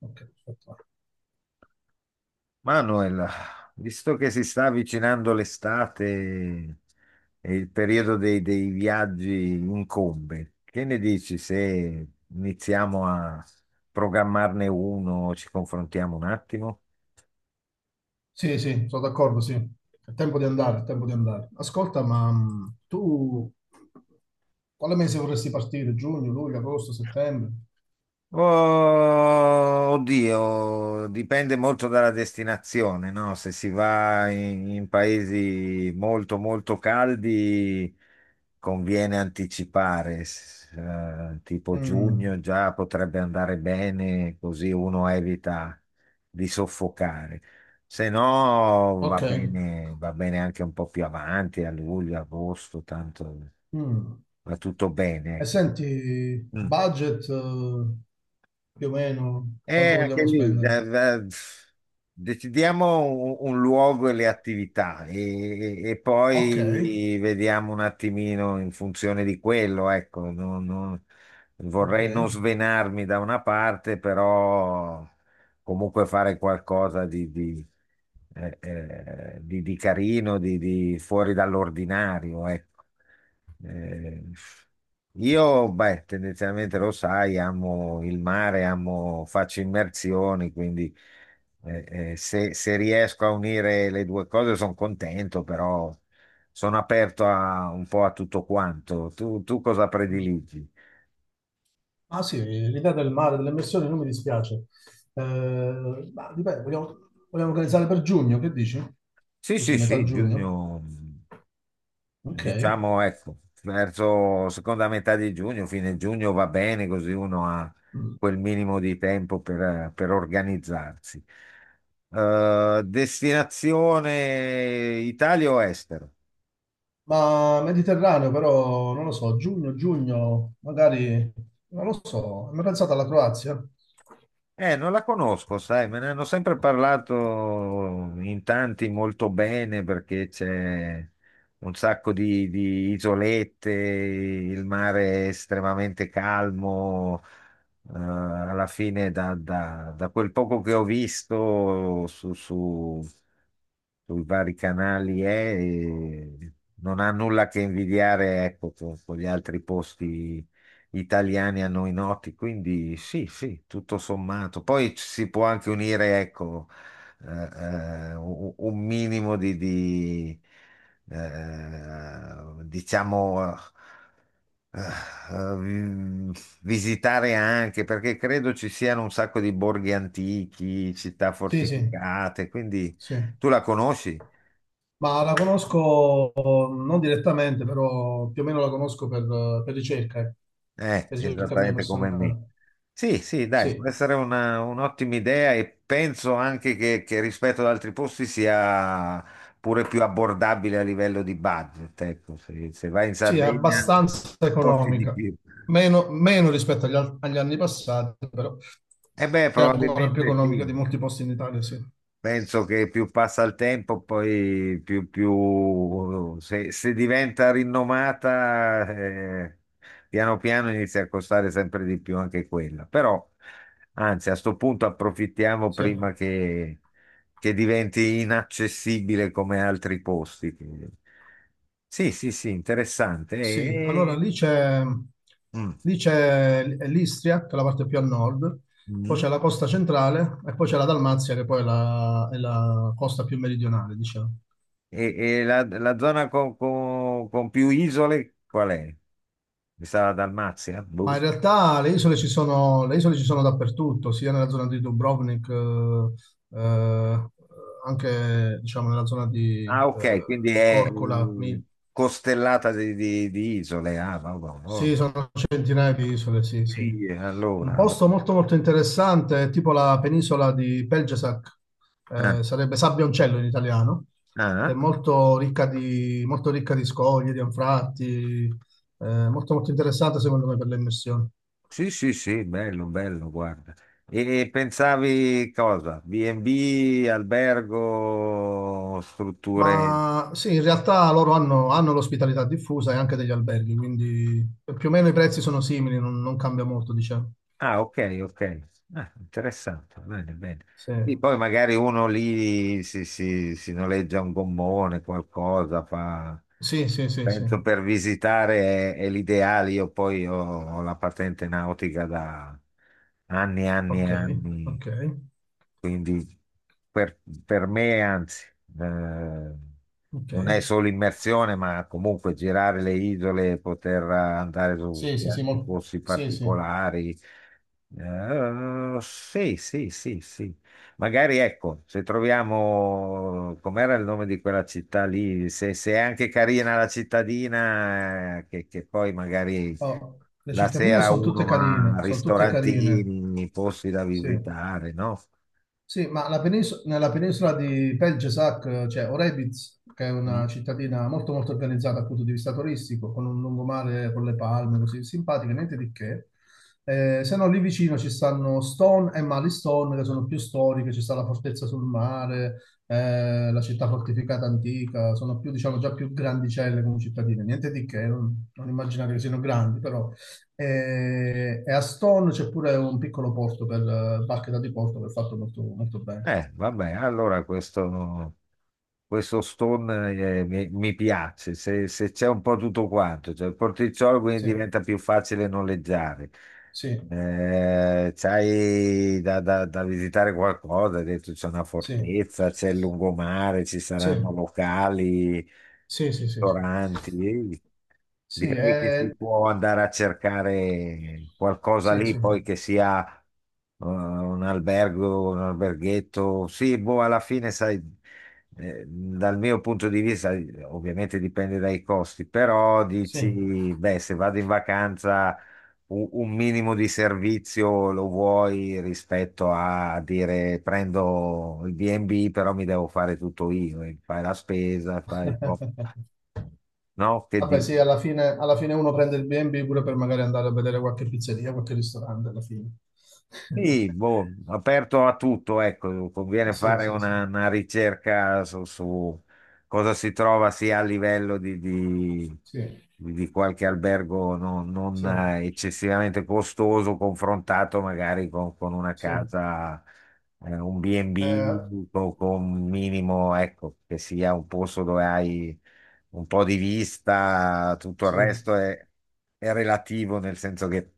Ok, perfetto. Manuel, visto che si sta avvicinando l'estate e il periodo dei viaggi incombe, che ne dici se iniziamo a programmarne uno, ci confrontiamo un attimo? Sì, sì, sono d'accordo, sì. È tempo di andare, è tempo di andare. Ascolta, ma tu quale mese vorresti partire? Giugno, luglio, agosto, settembre? Oh, oddio, dipende molto dalla destinazione, no? Se si va in paesi molto molto caldi conviene anticipare, tipo Mm, giugno già potrebbe andare bene, così uno evita di soffocare. Se no va ok. bene, va bene anche un po' più avanti, a luglio, agosto, tanto Mm. va tutto bene, E ecco. senti, Mm. budget, più o meno quanto Anche vogliamo lì, spendere? Eh, decidiamo un luogo e le attività e Ok, poi vediamo un attimino in funzione di quello, ecco, ok. vorrei non svenarmi da una parte, però comunque fare qualcosa di carino, di fuori dall'ordinario, ecco. Eh, io, beh, tendenzialmente lo sai, amo il mare, amo, faccio immersioni, quindi se riesco a unire le due cose sono contento, però sono aperto a, un po' a tutto quanto. Tu cosa Mm. prediligi? Ah sì, l'idea del mare, delle immersioni non mi dispiace. Ma dipende, vogliamo organizzare per giugno, che dici? Sì, sì, Così, metà sì, giugno? giugno. Ok. Diciamo, ecco, verso seconda metà di giugno, fine giugno va bene, così uno ha Mm. quel minimo di tempo per organizzarsi. Destinazione Italia o estero? Ma Mediterraneo però, non lo so, giugno, giugno, magari, non lo so, mi pensato alla Croazia? Non la conosco, sai, me ne hanno sempre parlato in tanti molto bene perché c'è un sacco di isolette, il mare è estremamente calmo, alla fine da quel poco che ho visto su, su sui vari canali è, e non ha nulla che invidiare, ecco, con gli altri posti italiani a noi noti, quindi sì, sì, tutto sommato. Poi ci si può anche unire, ecco, un minimo eh, diciamo... eh, eh, vi- visitare anche perché credo ci siano un sacco di borghi antichi, città Sì, sì, fortificate, quindi sì. tu la conosci? Ma la conosco non direttamente, però più o meno la conosco per ricerca, eh, per ricerca mia Esattamente come me. personale. Sì, sì, dai, può Sì, essere un'ottima idea e penso anche che rispetto ad altri posti sia pure più abbordabile a livello di budget. Ecco, se vai in sì, è Sardegna abbastanza costi di economica, più. meno rispetto agli anni passati, però Eh beh, è ancora più probabilmente economica sì. di molti posti in Italia, sì. Penso che più passa il tempo, poi più se diventa rinomata, piano piano inizia a costare sempre di più anche quella. Però, anzi, a sto punto approfittiamo Sì, prima che diventi inaccessibile come altri posti. Quindi... Sì, sì, sì, interessante. sì, allora E, lì c'è mm, lì c'è l'Istria, che è la parte più a nord, poi mm. c'è la costa centrale e poi c'è la Dalmazia, che poi è la costa più meridionale, diciamo. E- e la zona con più isole qual è? Mi sa la Dalmazia? Boh. Ma in realtà le isole ci sono, le isole ci sono dappertutto, sia nella zona di Dubrovnik, eh, anche diciamo, nella zona di Ah, ok, quindi è Korčula, mm, costellata di isole. Ah, vabbè, oh. Sì, sono centinaia di isole, sì, sì. Sì, Un allora, vabbè. posto molto molto interessante, è tipo la penisola di Pelgesac, Ah, sarebbe Sabbioncello in italiano, che è ah, molto ricca di scogli, di anfratti, molto molto interessante secondo me per le immersioni. sì, sì, sì, bello, bello, guarda. E pensavi cosa? B&B, albergo, strutture? Ma sì, in realtà loro hanno l'ospitalità diffusa e anche degli alberghi, quindi più o meno i prezzi sono simili, non cambia molto, diciamo. Ah, ok, ok. Ah, interessante, bene, bene. Sì, Sì, poi magari uno lì si noleggia un gommone, qualcosa, fa... sì, sì, sì, sì. Penso per visitare è l'ideale, io poi ho, ho la patente nautica da anni, anni e Ok, anni. ok, Quindi per, per me, anzi, eh, ok. non è solo immersione, ma comunque girare le isole, poter andare su Sì, sì, sì, spiagge, posti sì, sì. particolari. Sì, sì, sì, sì. Magari ecco, se troviamo, com'era il nome di quella città lì, se è anche carina la cittadina, che poi magari Oh, le la cittadine sera sono tutte uno carine, ha sono tutte carine. ristorantini, posti da Sì. visitare, no? Sì, ma nella penisola di Pelješac c'è Orebić, che è Mm. una cittadina molto molto organizzata dal punto di vista turistico, con un lungomare con le palme, così simpatiche, niente di che. Se no, lì vicino ci stanno Stone e Malistone, che sono più storiche, ci sta la fortezza sul mare, la città fortificata antica, sono più, diciamo, già più grandicelle come cittadine, niente di che, non immaginate che siano grandi, però e a Stone c'è pure un piccolo porto per barche da diporto che è fatto molto, molto bene. Vabbè, allora questo... Questo Stone mi piace, se c'è un po' tutto quanto, cioè il porticciolo quindi Sì, diventa più facile noleggiare. sì, C'hai da visitare qualcosa, hai detto c'è una sì, fortezza, c'è il lungomare, ci sì, saranno locali, sì, sì, sì, sì, ristoranti. sì, Direi che si può andare a cercare qualcosa sì, lì, sì, poi che sia un albergo, un alberghetto. Sì, boh, alla fine sai. Dal mio punto di vista, ovviamente dipende dai costi, però sì. dici, beh, se vado in vacanza un minimo di servizio lo vuoi rispetto a dire prendo il B&B, però mi devo fare tutto io, e fai la spesa, fai un po', no? Che Vabbè, sì, dici? alla fine uno prende il B&B pure per magari andare a vedere qualche pizzeria, qualche ristorante alla fine. Sì, boh, aperto a tutto, ecco, conviene Sì, fare sì, sì, una ricerca su, su cosa si trova sia a livello sì, di qualche albergo non, non, sì, eccessivamente costoso, confrontato magari con una sì. casa, un Eh, B&B con un minimo, ecco, che sia un posto dove hai un po' di vista, tutto il sì, resto è relativo nel senso che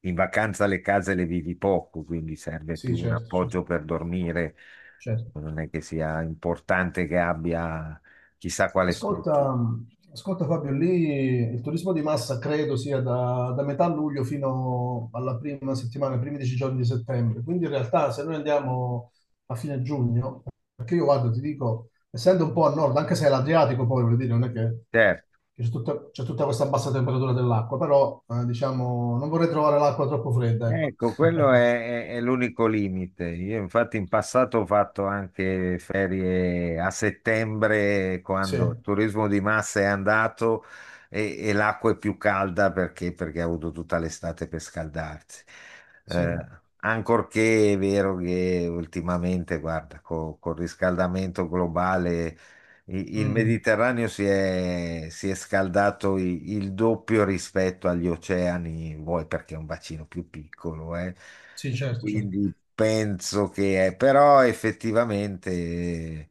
in vacanza le case le vivi poco, quindi serve sì, più un certo, appoggio certo, per dormire. certo. Non è che sia importante che abbia chissà quale struttura. Ascolta, ascolta Fabio, lì il turismo di massa credo sia da metà luglio fino alla prima settimana, i primi dieci giorni di settembre. Quindi in realtà se noi andiamo a fine giugno, perché io vado, ti dico, essendo un po' a nord, anche se è l'Adriatico poi, voglio dire, non è che Certo. che c'è tutta questa bassa temperatura dell'acqua, però diciamo non vorrei trovare l'acqua troppo fredda, ecco. Ecco, quello è, è l'unico limite. Io infatti in passato ho fatto anche ferie a settembre, Sì, quando il turismo di massa è andato e l'acqua è più calda perché ha avuto tutta l'estate per scaldarsi. sì. Eh, ancorché è vero che ultimamente, guarda, col riscaldamento globale il Mm, Mediterraneo si è scaldato il doppio rispetto agli oceani, vuoi perché è un bacino più piccolo, eh. sì, certo, certo. Quindi penso che è, però effettivamente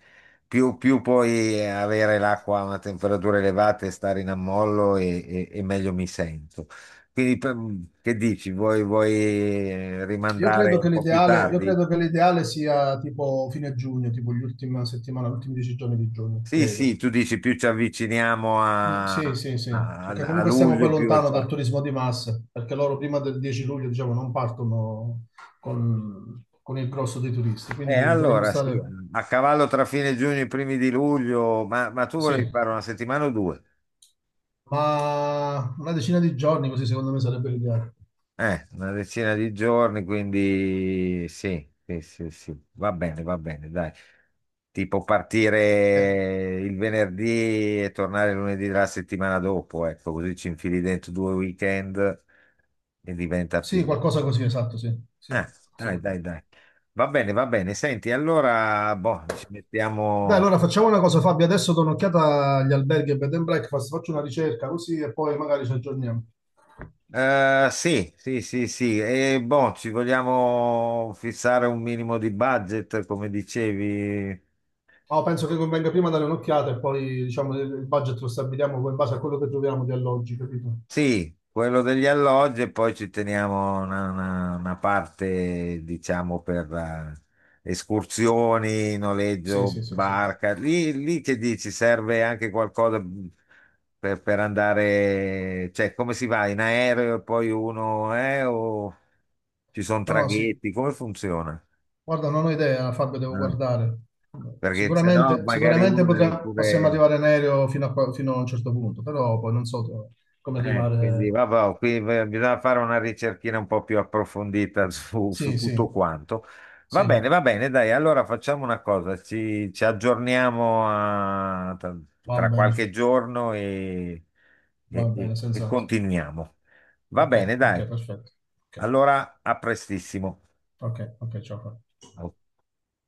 più puoi avere l'acqua a una temperatura elevata e stare in ammollo e meglio mi sento. Quindi per- che dici? Vuoi Io rimandare credo un che po' più l'ideale, io tardi? credo che l'ideale sia tipo fine giugno, tipo gli ultimi dieci giorni di giugno, Sì, sì, credo. tu dici più ci avviciniamo Mm, sì, sì, sì, perché a comunque stiamo poi luglio, più è lontano dal facile. turismo di massa, perché loro prima del 10 luglio, diciamo, non partono con il grosso dei turisti, quindi dovremmo Allora sì, stare, a cavallo tra fine giugno e i primi di luglio, ma tu volevi sì, fare una settimana o due? ma una decina di giorni così secondo me sarebbe l'ideale. Una decina di giorni, quindi sì, sì, sì, sì, va bene, dai. Tipo Eh, partire il venerdì e tornare lunedì della settimana dopo, ecco, così ci infili dentro due weekend e diventa sì, più... qualcosa così, esatto, sì, sì, Ah, sì. dai, dai, dai. Va bene, va bene. Senti, allora, boh, ci Dai, mettiamo... allora facciamo una cosa, Fabio. Adesso do un'occhiata agli alberghi e bed and breakfast, faccio una ricerca così e poi magari ci aggiorniamo. Sì, sì, sì, sì. E boh, ci vogliamo fissare un minimo di budget, come dicevi. Ma penso che convenga prima dare un'occhiata e poi diciamo il budget lo stabiliamo poi in base a quello che troviamo di alloggi, capito? Sì, quello degli alloggi e poi ci teniamo una parte, diciamo, per escursioni, Sì, noleggio, sì, sì, sì. barca. Lì che dici, serve anche qualcosa mhmm, per andare, cioè come si va in aereo e poi uno, o ci sono No, no, sì. traghetti, come funziona? Guarda, non ho idea, Fabio, devo No, guardare. perché se no Sicuramente, magari sicuramente uno deve possiamo pure... arrivare in aereo fino a un certo punto, però poi non so come quindi arrivare. vabbè, qui bisogna fare una ricerchina un po' più approfondita su, su Sì, sì, tutto quanto. Sì, Va bene, dai, allora facciamo una cosa, ci aggiorniamo tra, va tra qualche bene, giorno e, va bene, e senz'altro. continuiamo. Va Ok, bene, ok, dai, perfetto. Ok, allora a prestissimo. ok, ok, ciao. Fra. Ok.